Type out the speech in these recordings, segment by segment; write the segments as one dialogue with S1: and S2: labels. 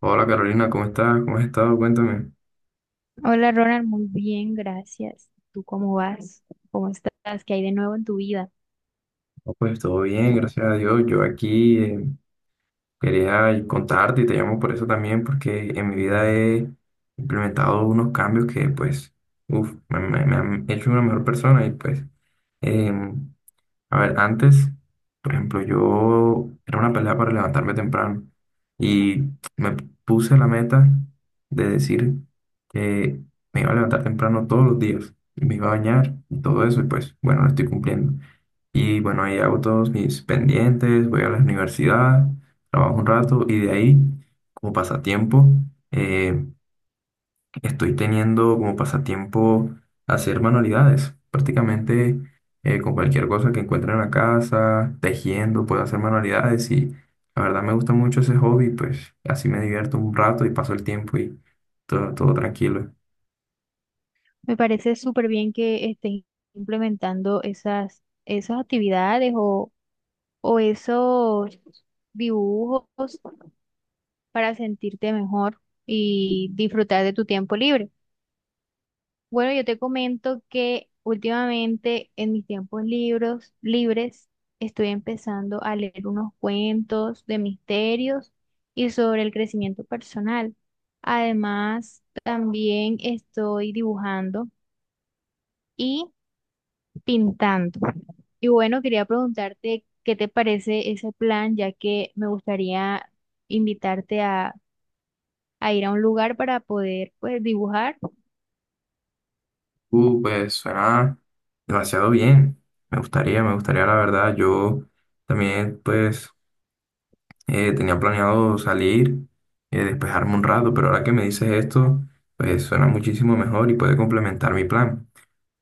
S1: Hola Carolina, ¿cómo estás? ¿Cómo has estado? Cuéntame.
S2: Hola Ronald, muy bien, gracias. ¿Tú cómo vas? ¿Cómo estás? ¿Qué hay de nuevo en tu vida?
S1: No, pues todo bien, gracias a Dios. Yo aquí quería contarte y te llamo por eso también, porque en mi vida he implementado unos cambios que pues, uf, me han hecho una mejor persona y pues, em, A ver, antes, por ejemplo, yo era una pelea para levantarme temprano y me puse la meta de decir que me iba a levantar temprano todos los días y me iba a bañar y todo eso y pues bueno, lo estoy cumpliendo. Y bueno, ahí hago todos mis pendientes, voy a la universidad, trabajo un rato y de ahí, como pasatiempo, eh, estoy teniendo como pasatiempo hacer manualidades, prácticamente con cualquier cosa que encuentre en la casa, tejiendo, puedo hacer manualidades y la verdad me gusta mucho ese hobby, pues así me divierto un rato y paso el tiempo y todo tranquilo.
S2: Me parece súper bien que estés implementando esas actividades o esos dibujos para sentirte mejor y disfrutar de tu tiempo libre. Bueno, yo te comento que últimamente en mis tiempos libres estoy empezando a leer unos cuentos de misterios y sobre el crecimiento personal. Además, también estoy dibujando y pintando. Y bueno, quería preguntarte qué te parece ese plan, ya que me gustaría invitarte a ir a un lugar para poder pues dibujar.
S1: Pues suena demasiado bien, me gustaría la verdad, yo también pues tenía planeado salir, despejarme un rato, pero ahora que me dices esto, pues suena muchísimo mejor y puede complementar mi plan.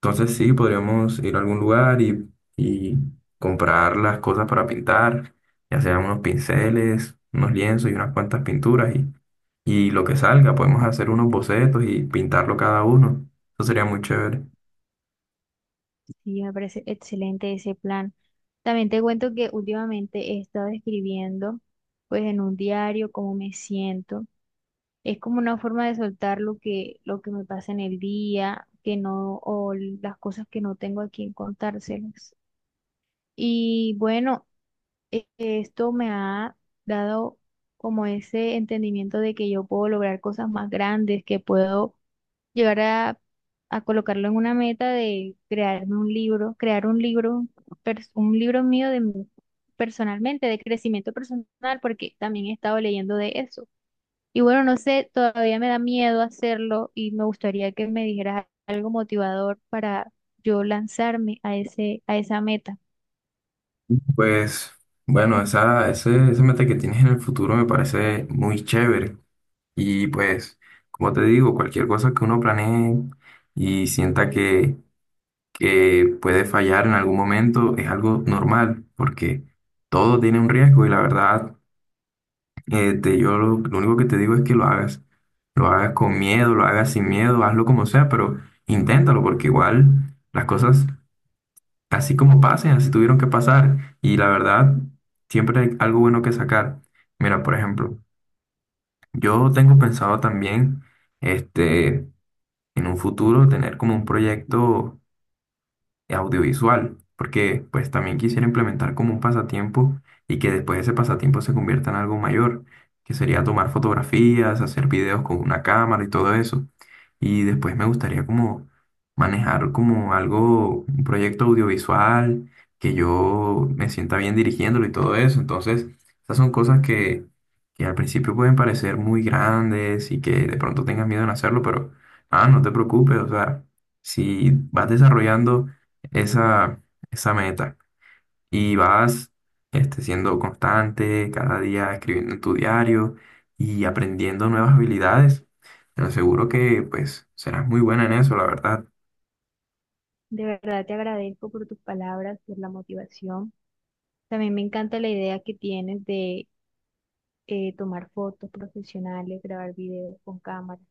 S1: Entonces sí, podríamos ir a algún lugar y comprar las cosas para pintar, ya sean unos pinceles, unos lienzos y unas cuantas pinturas y lo que salga, podemos hacer unos bocetos y pintarlo cada uno. Eso sería muy chévere.
S2: Sí, me parece excelente ese plan. También te cuento que últimamente he estado escribiendo pues en un diario cómo me siento. Es como una forma de soltar lo que me pasa en el día, que no, o las cosas que no tengo a quien contárselas. Y bueno, esto me ha dado como ese entendimiento de que yo puedo lograr cosas más grandes, que puedo llegar a colocarlo en una meta de crearme un libro, crear un libro, un libro mío de mí personalmente, de crecimiento personal, porque también he estado leyendo de eso. Y bueno, no sé, todavía me da miedo hacerlo y me gustaría que me dijeras algo motivador para yo lanzarme a a esa meta.
S1: Pues bueno, esa meta que tienes en el futuro me parece muy chévere. Y pues, como te digo, cualquier cosa que uno planee y sienta que puede fallar en algún momento es algo normal, porque todo tiene un riesgo y la verdad, yo lo único que te digo es que lo hagas. Lo hagas con miedo, lo hagas sin miedo, hazlo como sea, pero inténtalo, porque igual las cosas así como pasen, así tuvieron que pasar. Y la verdad, siempre hay algo bueno que sacar. Mira, por ejemplo, yo tengo pensado también, este, en un futuro tener como un proyecto audiovisual, porque pues también quisiera implementar como un pasatiempo y que después ese pasatiempo se convierta en algo mayor, que sería tomar fotografías, hacer videos con una cámara y todo eso. Y después me gustaría como manejar como algo, un proyecto audiovisual, que yo me sienta bien dirigiéndolo y todo eso. Entonces, esas son cosas que al principio pueden parecer muy grandes y que de pronto tengas miedo en hacerlo, pero ah, no te preocupes, o sea, si vas desarrollando esa, esa meta y vas siendo constante, cada día escribiendo en tu diario y aprendiendo nuevas habilidades, te aseguro que pues serás muy buena en eso, la verdad.
S2: De verdad te agradezco por tus palabras, por la motivación. También me encanta la idea que tienes de tomar fotos profesionales, grabar videos con cámara.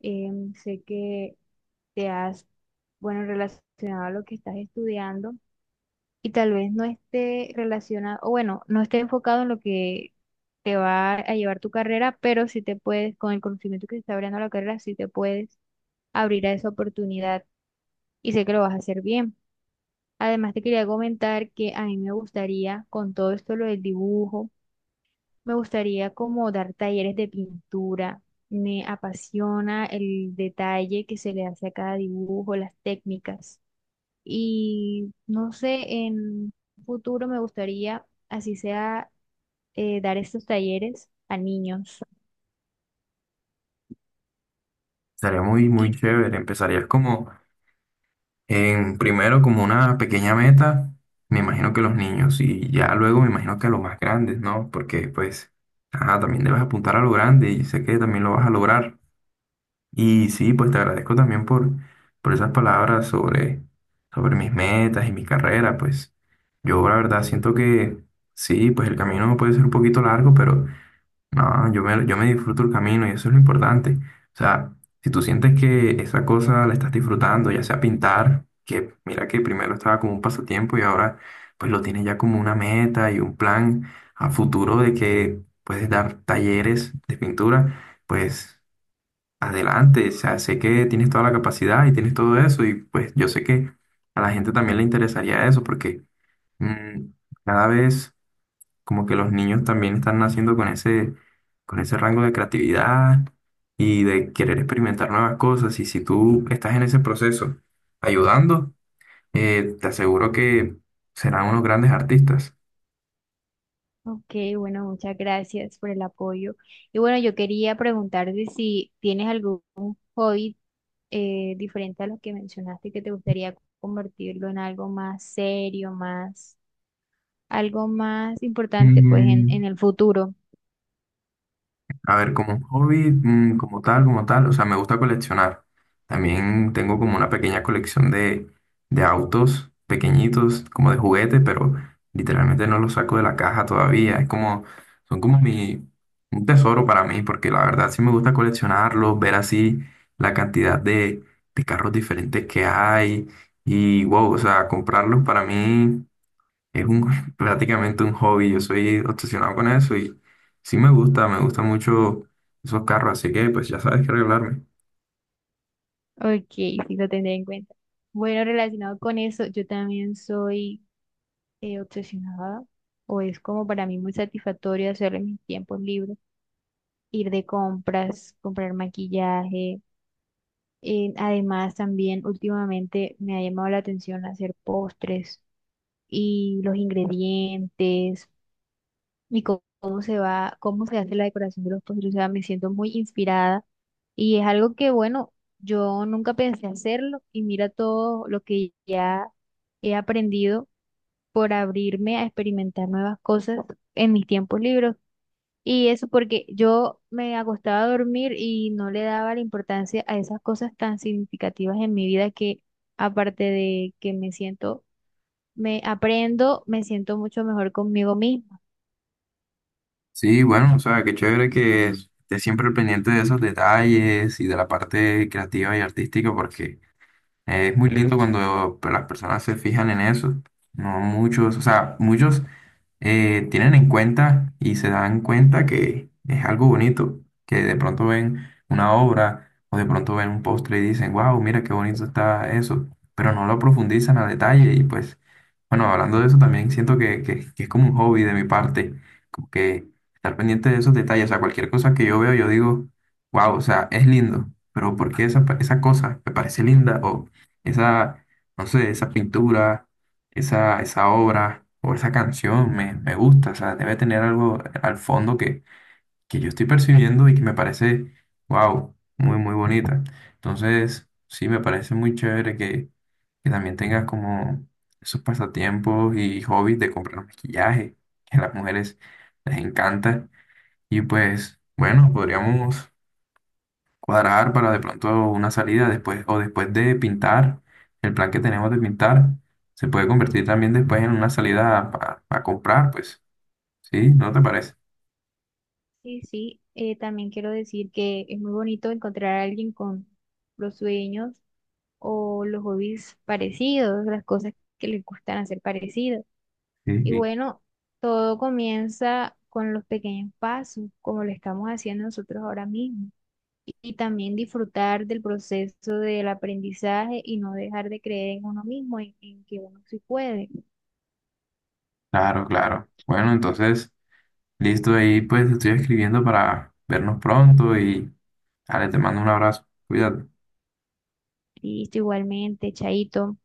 S2: Sé que te has, bueno, relacionado a lo que estás estudiando y tal vez no esté relacionado, o bueno, no esté enfocado en lo que te va a llevar tu carrera, pero sí te puedes, con el conocimiento que te está abriendo la carrera, sí te puedes abrir a esa oportunidad y sé que lo vas a hacer bien. Además, te quería comentar que a mí me gustaría, con todo esto lo del dibujo, me gustaría como dar talleres de pintura. Me apasiona el detalle que se le hace a cada dibujo, las técnicas. Y no sé, en un futuro me gustaría, así sea, dar estos talleres a niños.
S1: Sería muy
S2: Y,
S1: chévere. Empezarías como en primero como una pequeña meta, me imagino que los niños y ya luego me imagino que a los más grandes, ¿no? Porque pues, ajá, también debes apuntar a lo grande y sé que también lo vas a lograr. Y sí, pues te agradezco también por esas palabras sobre mis metas y mi carrera. Pues yo la verdad siento que sí, pues el camino puede ser un poquito largo, pero no, yo me disfruto el camino y eso es lo importante. O sea, si tú sientes que esa cosa la estás disfrutando, ya sea pintar, que mira que primero estaba como un pasatiempo y ahora pues lo tienes ya como una meta y un plan a futuro de que puedes dar talleres de pintura, pues... Adelante, o sea, sé que tienes toda la capacidad y tienes todo eso y pues yo sé que a la gente también le interesaría eso porque mm, cada vez como que los niños también están naciendo con con ese rango de creatividad y de querer experimentar nuevas cosas y si tú estás en ese proceso ayudando, te aseguro que serán unos grandes artistas.
S2: ok, bueno, muchas gracias por el apoyo. Y bueno, yo quería preguntarte si tienes algún hobby diferente a lo que mencionaste, que te gustaría convertirlo en algo más serio, algo más importante, pues
S1: Mm.
S2: en el futuro.
S1: A ver, como un hobby, mm, como tal, o sea, me gusta coleccionar. También tengo como una pequeña colección de autos pequeñitos, como de juguete, pero literalmente no los saco de la caja todavía. Es como, son como mi, un tesoro para mí, porque la verdad sí me gusta coleccionarlos, ver así la cantidad de carros diferentes que hay y wow, o sea, comprarlos para mí. Es un, prácticamente un hobby, yo soy obsesionado con eso y sí me gustan mucho esos carros, así que pues ya sabes que arreglarme.
S2: Ok, sí, lo tendré en cuenta. Bueno, relacionado con eso, yo también soy obsesionada, o es como para mí muy satisfactorio hacer en mis tiempos libres, ir de compras, comprar maquillaje. Además, también últimamente me ha llamado la atención hacer postres y los ingredientes y cómo se va, cómo se hace la decoración de los postres. O sea, me siento muy inspirada y es algo que, bueno, yo nunca pensé hacerlo y mira todo lo que ya he aprendido por abrirme a experimentar nuevas cosas en mis tiempos libres. Y eso porque yo me acostaba a dormir y no le daba la importancia a esas cosas tan significativas en mi vida que aparte de que me aprendo, me siento mucho mejor conmigo misma.
S1: Sí, bueno, o sea, qué chévere que estés siempre pendiente de esos detalles y de la parte creativa y artística, porque es muy lindo cuando las personas se fijan en eso. No muchos, o sea, muchos tienen en cuenta y se dan cuenta que es algo bonito, que de pronto ven una obra o de pronto ven un postre y dicen, wow, mira qué bonito está eso, pero no lo profundizan a detalle y pues, bueno, hablando de eso también siento que es como un hobby de mi parte, como que estar pendiente de esos detalles, o sea, cualquier cosa que yo veo yo digo, wow, o sea, es lindo, pero ¿por qué esa cosa me parece linda o esa, no sé, esa pintura? Esa obra o esa canción me gusta, o sea, debe tener algo al fondo que yo estoy percibiendo y que me parece, wow, muy bonita. Entonces, sí, me parece muy chévere que también tengas como esos pasatiempos y hobbies de comprar maquillaje, que a las mujeres les encanta. Y pues, bueno, podríamos cuadrar para de pronto una salida después o después de pintar, el plan que tenemos de pintar se puede convertir también después en una salida para comprar, pues, ¿sí? ¿No te parece?
S2: Sí, sí, también quiero decir que es muy bonito encontrar a alguien con los sueños o los hobbies parecidos, las cosas que le gustan hacer parecidos.
S1: Sí,
S2: Y
S1: sí.
S2: bueno, todo comienza con los pequeños pasos, como lo estamos haciendo nosotros ahora mismo. Y también disfrutar del proceso del aprendizaje y no dejar de creer en uno mismo, en que uno sí puede.
S1: Claro, claro. Bueno, entonces, listo, ahí pues estoy escribiendo para vernos pronto y, dale, te mando un abrazo. Cuídate.
S2: Listo, igualmente, Chaito.